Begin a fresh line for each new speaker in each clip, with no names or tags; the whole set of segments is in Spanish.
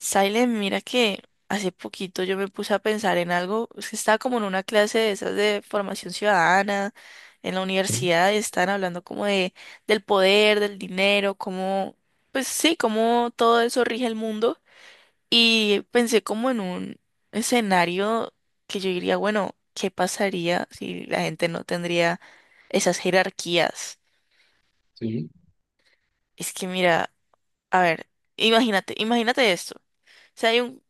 Silent, mira que hace poquito yo me puse a pensar en algo. Es que estaba como en una clase de esas de formación ciudadana en la
Sí,
universidad y estaban hablando como de del poder, del dinero, cómo, pues sí, cómo todo eso rige el mundo. Y pensé como en un escenario que yo diría, bueno, ¿qué pasaría si la gente no tendría esas jerarquías?
sí.
Es que mira, a ver, imagínate, imagínate esto. O sea, hay un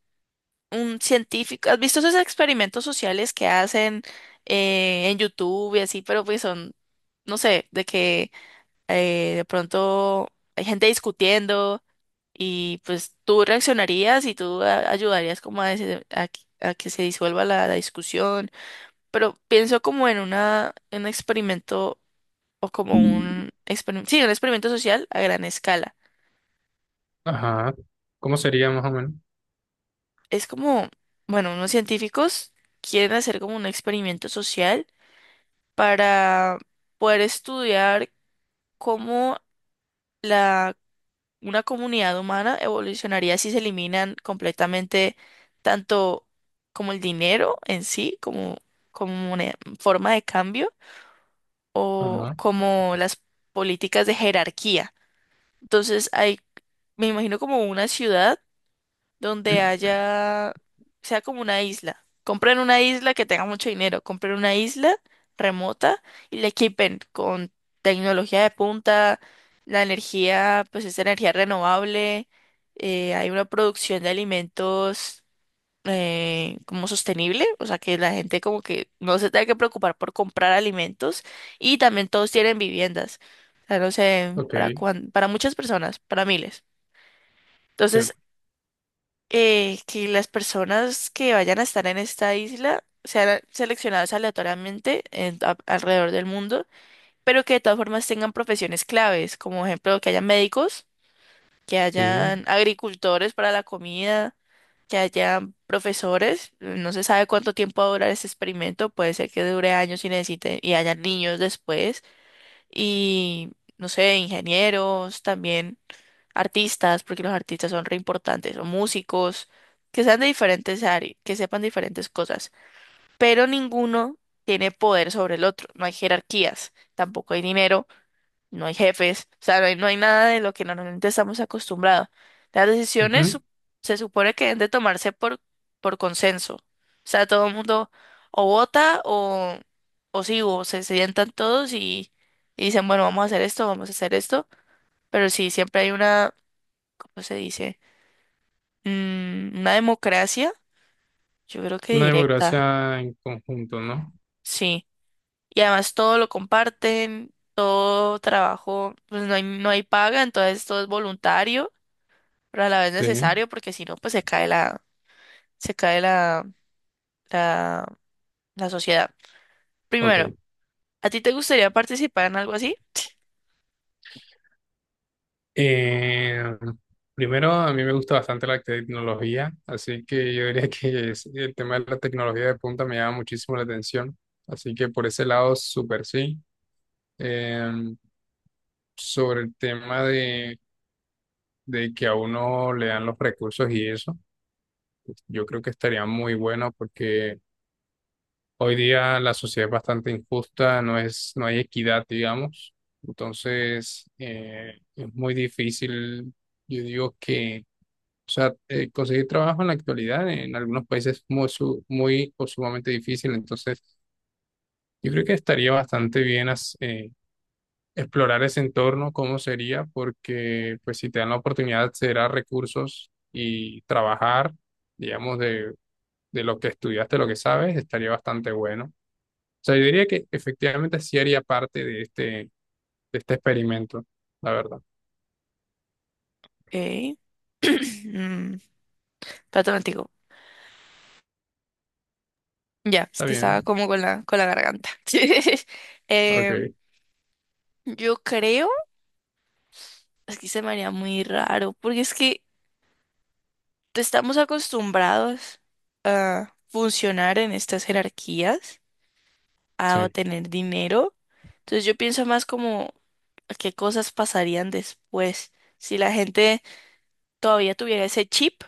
un científico. ¿Has visto esos experimentos sociales que hacen en YouTube y así? Pero pues son, no sé, de que de pronto hay gente discutiendo, y pues tú reaccionarías y ayudarías como a, a que se disuelva la discusión. Pero pienso como en en un experimento, o como un experimento, sí, un experimento social a gran escala.
Ajá. ¿Cómo sería más o menos?
Es como, bueno, unos científicos quieren hacer como un experimento social para poder estudiar cómo la, una comunidad humana evolucionaría si se eliminan completamente tanto como el dinero en sí, como, como una forma de cambio, o
Ajá.
como las políticas de jerarquía. Entonces hay, me imagino como una ciudad donde haya, sea como una isla. Compren una isla que tenga mucho dinero, compren una isla remota y la equipen con tecnología de punta. La energía, pues es energía renovable, hay una producción de alimentos como sostenible, o sea, que la gente como que no se tenga que preocupar por comprar alimentos, y también todos tienen viviendas. O sea, no sé,
Ok.
para, para muchas personas, para miles.
Sí,
Entonces, que las personas que vayan a estar en esta isla sean seleccionadas aleatoriamente alrededor del mundo, pero que de todas formas tengan profesiones claves, como ejemplo, que haya médicos, que
sí.
hayan agricultores para la comida, que haya profesores. No se sabe cuánto tiempo va a durar este experimento, puede ser que dure años y necesite y haya niños después, y no sé, ingenieros también, artistas, porque los artistas son re importantes, o músicos, que sean de diferentes áreas, que sepan diferentes cosas, pero ninguno tiene poder sobre el otro. No hay jerarquías, tampoco hay dinero, no hay jefes, o sea, no hay, no hay nada de lo que normalmente estamos acostumbrados. Las decisiones
Ujú.
su- Se supone que deben de tomarse por consenso. O sea, todo el mundo o vota o sí, o se sientan todos y dicen, bueno, vamos a hacer esto, vamos a hacer esto. Pero sí, siempre hay una, ¿cómo se dice? Una democracia, yo creo que
Una
directa,
democracia en conjunto, ¿no?
sí. Y además todo lo comparten, todo trabajo, pues no hay, no hay paga, entonces todo es voluntario, pero a la vez
Sí.
necesario, porque si no, pues se cae se cae la, la sociedad.
Ok.
Primero, ¿a ti te gustaría participar en algo así?
Eh, Primero, a mí me gusta bastante la tecnología, así que yo diría el tema de la tecnología de punta me llama muchísimo la atención. Así que por ese lado, súper sí. Eh, Sobre el tema de que a uno le dan los recursos y eso, yo creo que estaría muy bueno porque hoy día la sociedad es bastante injusta, no hay equidad, digamos. Entonces, es muy difícil, yo digo que, o sea, conseguir trabajo en la actualidad en algunos países es muy, muy o sumamente difícil. Entonces, yo creo que estaría bastante bien explorar ese entorno, cómo sería, porque pues si te dan la oportunidad de acceder a recursos y trabajar, digamos, de lo que estudiaste, lo que sabes, estaría bastante bueno. O sea, yo diría que efectivamente sí haría parte de este experimento, la verdad.
Ok. Mm, Trato contigo. Ya, es
Está
que estaba
bien.
como con la garganta.
Ok,
Eh, yo creo, es que se me haría muy raro, porque es que estamos acostumbrados a funcionar en estas jerarquías,
sí,
a tener dinero. Entonces yo pienso más como a qué cosas pasarían después si la gente todavía tuviera ese chip,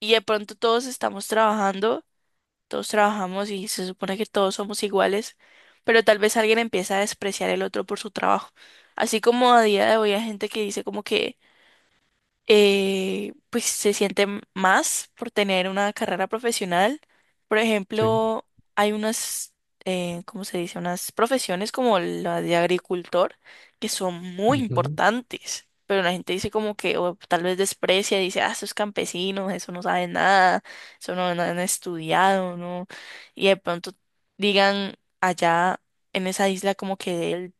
y de pronto todos estamos trabajando, todos trabajamos y se supone que todos somos iguales, pero tal vez alguien empieza a despreciar el otro por su trabajo. Así como a día de hoy hay gente que dice como que pues se sienten más por tener una carrera profesional. Por
sí,
ejemplo, hay unas, ¿cómo se dice? Unas profesiones como la de agricultor que son muy
ujú,
importantes, pero la gente dice como que, o tal vez desprecia, dice, ah, esos campesinos, eso no saben nada, eso no, no han estudiado, ¿no? Y de pronto digan allá en esa isla como que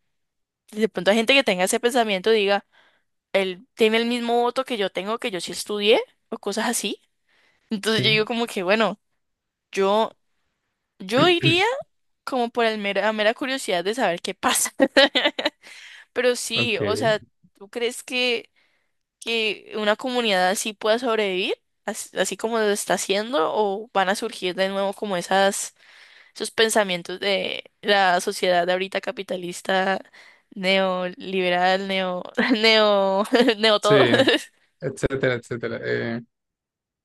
de pronto hay gente que tenga ese pensamiento, diga, él tiene el mismo voto que yo tengo, que yo sí estudié, o cosas así. Entonces yo
sí,
digo como que, bueno, yo, yo iría como por la mera curiosidad de saber qué pasa. Pero sí,
ok,
o sea, ¿tú crees que una comunidad así pueda sobrevivir? Así, como lo está haciendo, o van a surgir de nuevo como esas, esos pensamientos de la sociedad de ahorita capitalista, neoliberal, neo, neo, neo
sí,
todo.
etcétera, etcétera.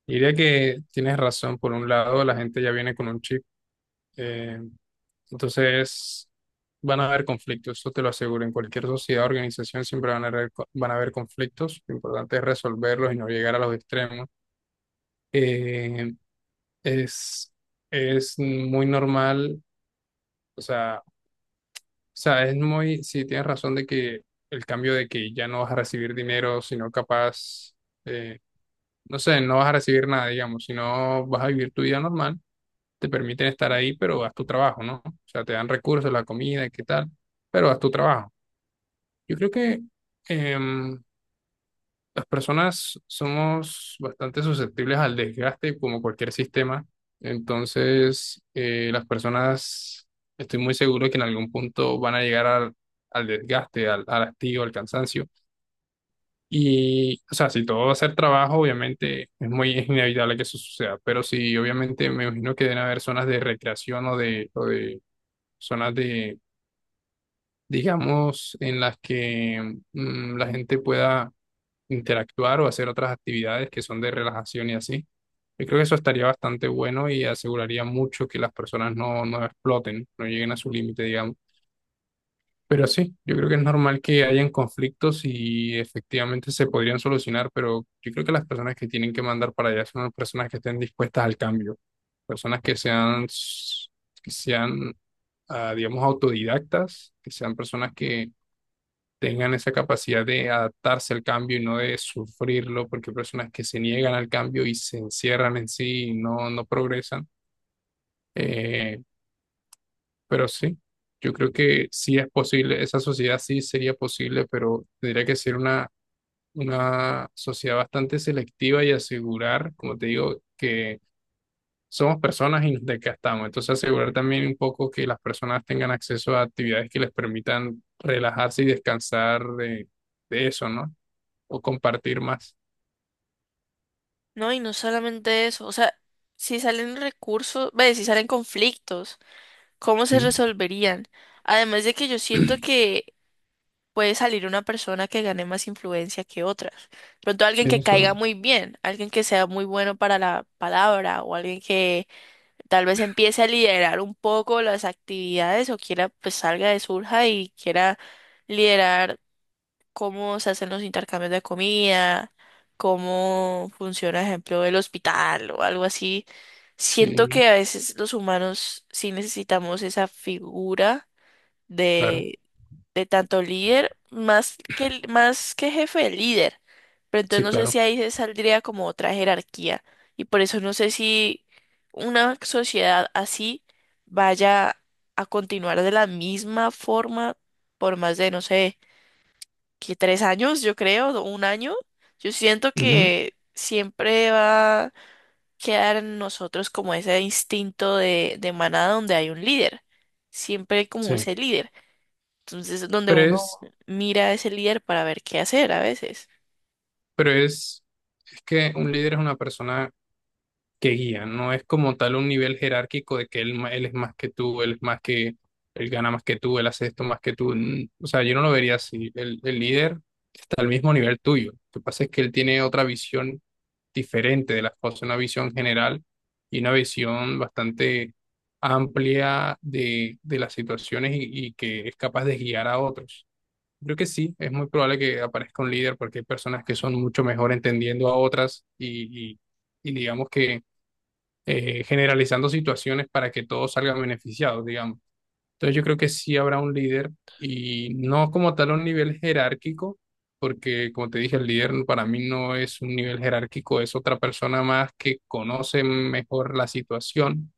Diría que tienes razón. Por un lado, la gente ya viene con un chip. eh, entonces, van a haber conflictos, eso te lo aseguro. En cualquier sociedad, organización, siempre van a haber, van a haber conflictos. Lo importante es resolverlos y no llegar a los extremos. Eh, es... Es muy normal. O sea, es muy, sí, tienes razón de que el cambio de que ya no vas a recibir dinero, sino capaz, eh, no sé, no vas a recibir nada, digamos, sino vas a vivir tu vida normal, te permiten estar ahí, pero haz tu trabajo, ¿no? O sea, te dan recursos, la comida, y qué tal, pero haz tu trabajo. Yo creo que, em, las personas somos bastante susceptibles al desgaste como cualquier sistema. Entonces, las personas, estoy muy seguro que en algún punto van a llegar al, al desgaste, al, al hastío, al cansancio. Y, o sea, si todo va a ser trabajo, obviamente es inevitable que eso suceda. Pero sí, obviamente me imagino que deben haber zonas de recreación o de zonas de, digamos, en las que la gente pueda interactuar o hacer otras actividades que son de relajación y así. Yo creo que eso estaría bastante bueno y aseguraría mucho que las personas no, no exploten, no lleguen a su límite, digamos. Pero sí, yo creo que es normal que hayan conflictos y efectivamente se podrían solucionar, pero yo creo que las personas que tienen que mandar para allá son las personas que estén dispuestas al cambio, personas que sean, digamos, autodidactas, que sean personas que tengan esa capacidad de adaptarse al cambio y no de sufrirlo, porque hay personas que se niegan al cambio y se encierran en sí y no, no progresan. Eh, pero sí, yo creo que sí es posible, esa sociedad sí sería posible, pero tendría que ser una sociedad bastante selectiva y asegurar, como te digo, que somos personas y nos desgastamos. Entonces asegurar también un poco que las personas tengan acceso a actividades que les permitan relajarse y descansar de eso, ¿no? O compartir más.
No, y no solamente eso, o sea, si salen recursos, ve, si salen conflictos, ¿cómo se
Sí,
resolverían? Además de que yo siento que puede salir una persona que gane más influencia que otras. De pronto alguien
sí,
que caiga
eso,
muy bien, alguien que sea muy bueno para la palabra, o alguien que tal vez empiece a liderar un poco las actividades, o quiera, pues salga de surja y quiera liderar cómo se hacen los intercambios de comida, cómo funciona, ejemplo, el hospital o algo así. Siento
sí,
que a veces los humanos sí necesitamos esa figura
claro,
de, de tanto líder, más que, más que jefe, de líder. Pero entonces
sí,
no sé
claro.
si ahí se saldría como otra jerarquía. Y por eso no sé si una sociedad así vaya a continuar de la misma forma por más de, no sé, que 3 años, yo creo, o un año. Yo siento
Ujú,
que siempre va a quedar en nosotros como ese instinto de manada, donde hay un líder, siempre hay como
sí.
ese líder. Entonces, donde
Pero
uno
es,
mira a ese líder para ver qué hacer a veces.
pero es que un líder es una persona que guía, no es como tal un nivel jerárquico de que él, él es más que tú, él es más que, él gana más que tú, él hace esto más que tú. O sea, yo no lo vería así. El líder al mismo nivel tuyo. Lo que pasa es que él tiene otra visión diferente de las cosas, una visión general y una visión bastante amplia de las situaciones y que es capaz de guiar a otros. Creo que sí, es muy probable que aparezca un líder porque hay personas que son mucho mejor entendiendo a otras y digamos que generalizando situaciones para que todos salgan beneficiados, digamos. Entonces yo creo que sí habrá un líder y no como tal a un nivel jerárquico, porque como te dije, el líder para mí no es un nivel jerárquico, es otra persona más que conoce mejor la situación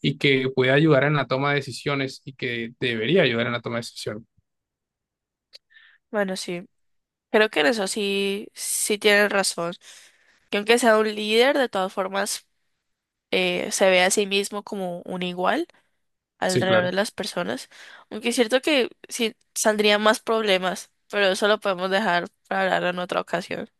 y que puede ayudar en la toma de decisiones y que debería ayudar en la toma de decisiones.
Bueno, sí, creo que en eso sí, sí tienen razón. Que aunque sea un líder, de todas formas, se ve a sí mismo como un igual
Sí,
alrededor de
claro.
las personas. Aunque es cierto que sí saldrían más problemas, pero eso lo podemos dejar para hablar en otra ocasión.